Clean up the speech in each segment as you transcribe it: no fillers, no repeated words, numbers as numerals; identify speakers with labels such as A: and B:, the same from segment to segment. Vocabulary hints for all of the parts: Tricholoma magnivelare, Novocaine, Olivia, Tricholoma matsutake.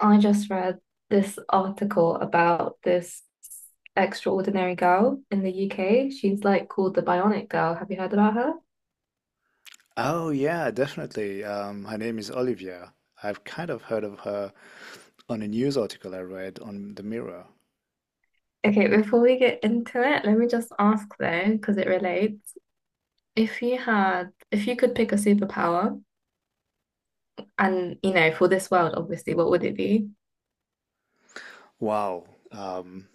A: I just read this article about this extraordinary girl in the UK. She's like called the Bionic Girl. Have you heard about her?
B: Oh yeah, definitely. Her name is Olivia. I've kind of heard of her on a news article I read on the Mirror.
A: Okay, before we get into it, let me just ask though, because it relates. If you could pick a superpower and, you know, for this world, obviously, what would it be?
B: Wow. Um,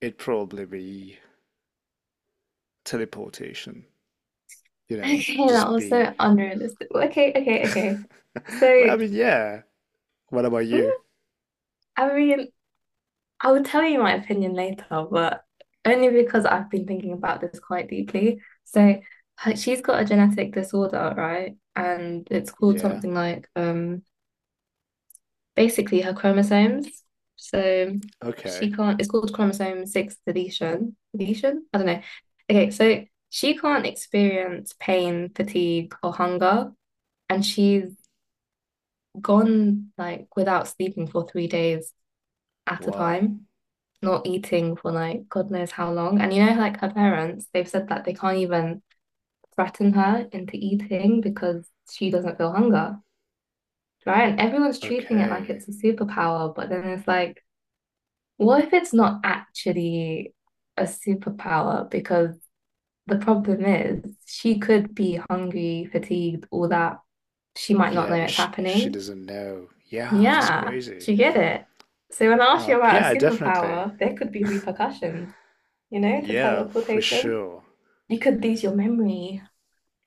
B: It'd probably be teleportation. You know,
A: Okay, that
B: just
A: was
B: be.
A: so unrealistic. Okay, okay, okay.
B: But I
A: So,
B: mean, yeah. What about you?
A: mm, I mean, I will tell you my opinion later, but only because I've been thinking about this quite deeply. So she's got a genetic disorder, right? And it's called
B: Yeah.
A: something like basically her chromosomes. So
B: Okay.
A: she can't, it's called chromosome six deletion. Deletion? I don't know. Okay, so she can't experience pain, fatigue, or hunger, and she's gone like without sleeping for 3 days at a
B: Wow.
A: time. Not eating for like God knows how long. And you know, like her parents, they've said that they can't even threaten her into eating because she doesn't feel hunger, right? And everyone's treating it like
B: Okay.
A: it's a superpower, but then it's like, what if it's not actually a superpower? Because the problem is she could be hungry, fatigued, all that. She might not know
B: Yeah, but
A: it's
B: she
A: happening.
B: doesn't know. Yeah, that's
A: Yeah,
B: crazy.
A: she get it. So when I ask you about a
B: Yeah, definitely.
A: superpower, there could be repercussions, you know, to
B: Yeah, for
A: teleportation.
B: sure.
A: You could lose your memory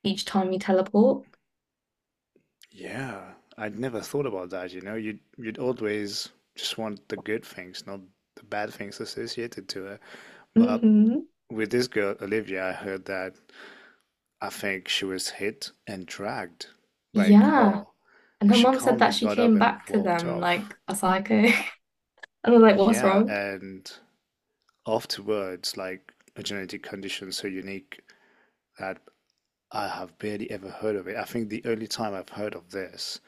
A: each time you teleport.
B: Yeah, I'd never thought about that, you know. You'd always just want the good things, not the bad things associated to it. But
A: Mm-hmm.
B: with this girl, Olivia, I heard that I think she was hit and dragged by a
A: Yeah.
B: car,
A: And
B: but
A: her
B: she
A: mum said
B: calmly
A: that she
B: got up
A: came
B: and
A: back to
B: walked
A: them
B: off.
A: like a psycho. And I was like, what's
B: Yeah,
A: wrong?
B: and afterwards, like a genetic condition so unique that I have barely ever heard of it. I think the only time I've heard of this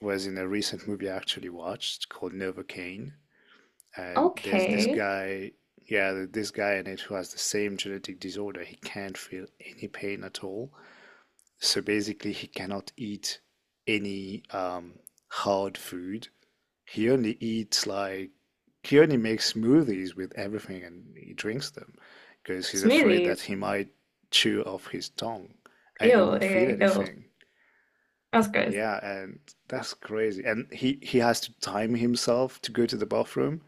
B: was in a recent movie I actually watched called Novocaine, and there's this
A: Okay.
B: guy, yeah, this guy in it who has the same genetic disorder. He can't feel any pain at all. So basically, he cannot eat any hard food. He only eats like he only makes smoothies with everything and he drinks them because he's afraid
A: Smoothies.
B: that he might chew off his tongue and
A: Ew,
B: he won't feel
A: okay, ew.
B: anything.
A: That's gross.
B: Yeah, and that's crazy. And he has to time himself to go to the bathroom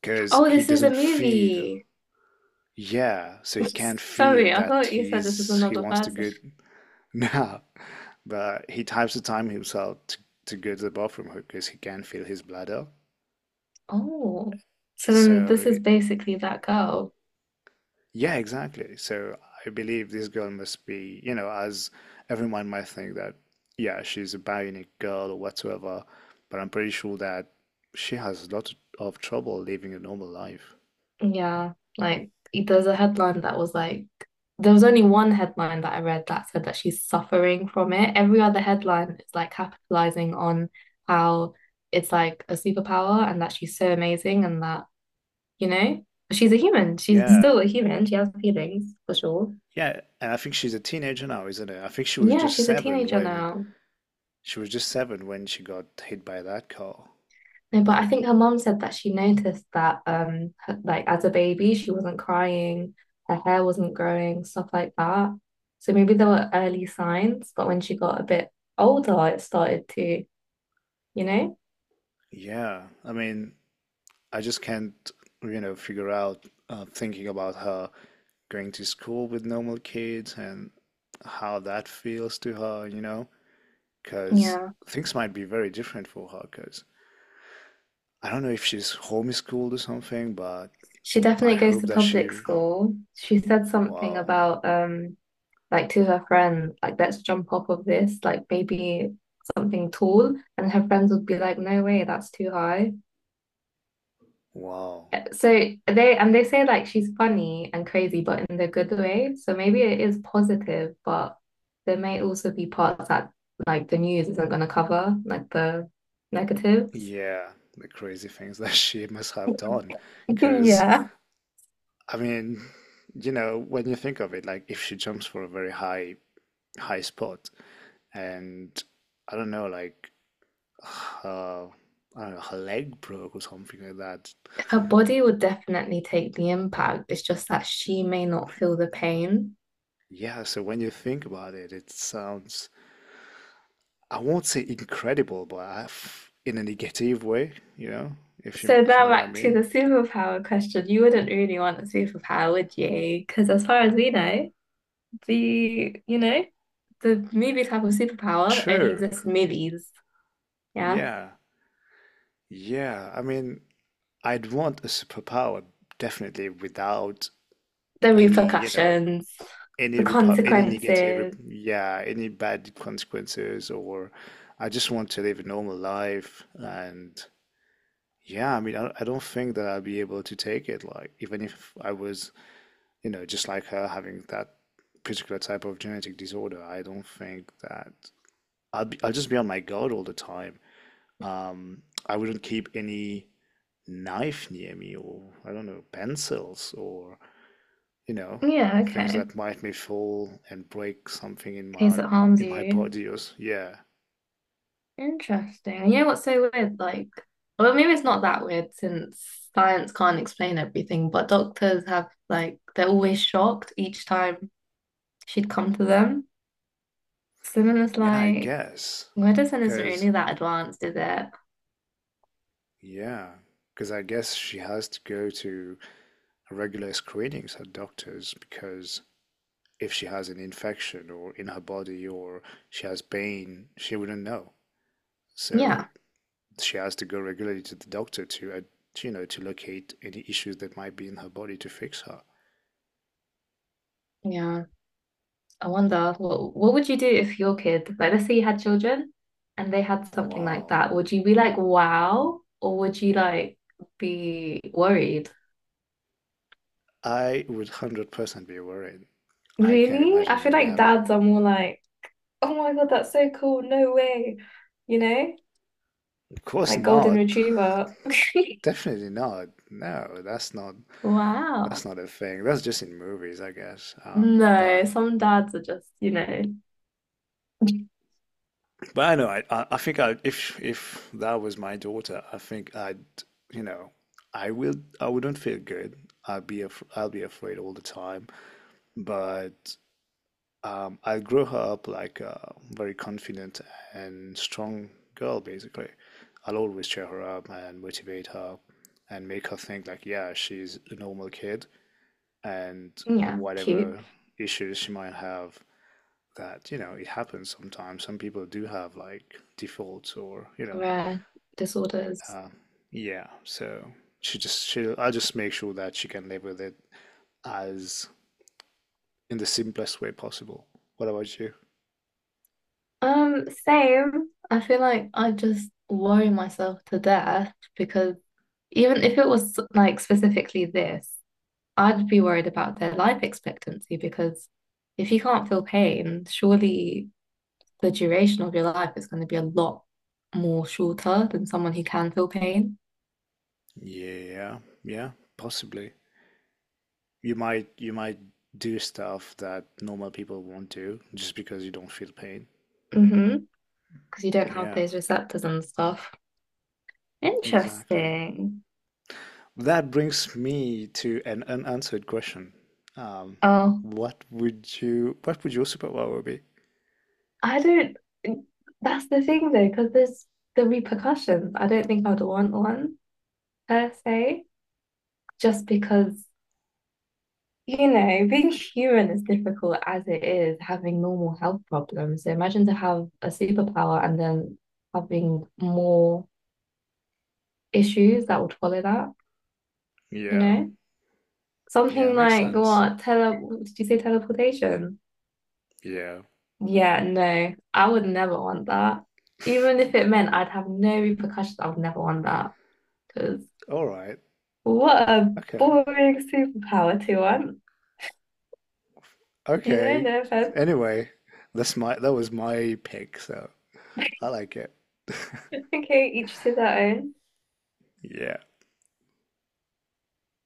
B: because
A: Oh,
B: he
A: this is a
B: doesn't feel.
A: movie.
B: Yeah, so he can't feel
A: Sorry, I
B: that
A: thought you said this is
B: he
A: another
B: wants to
A: person.
B: go now, but he types the time himself to go to the bathroom because he can't feel his bladder.
A: Oh. So then this
B: So
A: is basically that girl.
B: yeah, exactly. So I believe this girl must be, you know, as everyone might think that yeah, she's a bionic girl or whatsoever, but I'm pretty sure that she has a lot of trouble living a normal life.
A: Yeah, like there's a headline that was like there was only one headline that I read that said that she's suffering from it. Every other headline is like capitalizing on how it's like a superpower and that she's so amazing and that, you know, she's a human. She's
B: Yeah.
A: still a human. She has feelings for sure.
B: Yeah, and I think she's a teenager now, isn't it? I think she was
A: Yeah,
B: just
A: she's a
B: seven
A: teenager
B: when
A: now.
B: she was just seven when she got hit by that car.
A: No, but I think her mom said that she noticed that, like as a baby, she wasn't crying, her hair wasn't growing, stuff like that. So maybe there were early signs, but when she got a bit older, it started to, you know?
B: Yeah, I mean, I just can't, you know, figure out thinking about her going to school with normal kids and how that feels to her, you know, because
A: Yeah.
B: things might be very different for her. Because I don't know if she's homeschooled or something, but
A: She
B: I
A: definitely goes
B: hope
A: to
B: that
A: public
B: she,
A: school. She said something
B: wow,
A: about, like to her friend, like, let's jump off of this, like maybe something tall. And her friends would be like, no way, that's too high.
B: wow,
A: So they say like she's funny and crazy, but in the good way. So maybe it is positive, but there may also be parts that like the news isn't going to cover, like the negatives.
B: yeah, the crazy things that she must have done, because
A: Yeah.
B: I mean, you know, when you think of it, like if she jumps for a very high spot, and I don't know, like uh, I don't know, her leg broke or something like that.
A: Her body would definitely take the impact. It's just that she may not feel the pain.
B: Yeah, so when you think about it, it sounds I won't say incredible, but I f in a negative way, you know,
A: So
B: if you know
A: now
B: what I
A: back to
B: mean.
A: the superpower question. You wouldn't really want a superpower, would you? Because as far as we know, the you know, the movie type of superpower only
B: True.
A: exists in movies. Yeah.
B: Yeah. Yeah. I mean, I'd want a superpower definitely without
A: The
B: any, you know,
A: repercussions, the
B: any repu any negative rep-
A: consequences.
B: yeah any bad consequences or I just want to live a normal life and yeah I mean I don't think that I'll be able to take it like even if I was you know just like her having that particular type of genetic disorder I don't think that I'll just be on my guard all the time I wouldn't keep any knife near me or I don't know pencils or you know,
A: Yeah,
B: things
A: okay.
B: that might me fall and break something
A: In case it harms
B: in my
A: you.
B: body or yeah.
A: Interesting. You know what's so weird? Like, well, maybe it's not that weird since science can't explain everything, but doctors have, like, they're always shocked each time she'd come to them. So then it's
B: Yeah, I
A: like,
B: guess.
A: medicine isn't really
B: Cause
A: that advanced, is it?
B: yeah, cause I guess she has to go to regular screenings at doctors because if she has an infection or in her body or she has pain, she wouldn't know. So
A: Yeah.
B: she has to go regularly to the doctor to, you know, to locate any issues that might be in her body to fix her.
A: Yeah. I wonder what would you do if your kid, like let's say you had children and they had something like
B: Wow.
A: that, would you be like, wow, or would you like be worried?
B: I would 100% be worried. I can't
A: Really? I
B: imagine
A: feel
B: me
A: like
B: having.
A: dads are more like, oh my God, that's so cool, no way. You know?
B: Of course
A: Like golden
B: not.
A: retriever.
B: Definitely not. No,
A: Wow.
B: that's not a thing. That's just in movies, I guess.
A: No, some dads are just, you know,
B: But I know I think I if that was my daughter, I think I'd you know I will I wouldn't feel good. I'd be af I'll be afraid all the time. But I grew up like a very confident and strong girl, basically. I'll always cheer her up and motivate her and make her think like, yeah, she's a normal kid and
A: yeah, cute,
B: whatever issues she might have, that, you know, it happens sometimes. Some people do have like defaults or, you know,
A: rare disorders.
B: uh, yeah. So she just, she, I just make sure that she can live with it as in the simplest way possible. What about you?
A: Same. I feel like I just worry myself to death because even if it was like specifically this, I'd be worried about their life expectancy because if you can't feel pain, surely the duration of your life is going to be a lot more shorter than someone who can feel pain.
B: Yeah, yeah, possibly. You might do stuff that normal people won't do just because you don't feel pain.
A: Mm-hmm. Because you don't have
B: Yeah,
A: those receptors and stuff.
B: exactly.
A: Interesting.
B: That brings me to an unanswered question. Um,
A: Oh,
B: what would you what would your superpower be?
A: I don't. That's the thing though, because there's the repercussions. I don't think I'd want one per se, just because, you know, being human is difficult as it is, having normal health problems. So imagine to have a superpower and then having more issues that would follow that, you
B: Yeah,
A: know?
B: yeah,
A: Something
B: makes
A: like
B: sense.
A: what? Tele did you say teleportation?
B: Yeah.
A: Yeah, no, I would never want that. Even if it meant I'd have no repercussions, I would never want that. Because
B: All right.
A: what a
B: Okay.
A: boring superpower to want. You know,
B: Okay.
A: no offense.
B: Anyway, that was my pick, so I like it.
A: Okay, each to their own.
B: Yeah.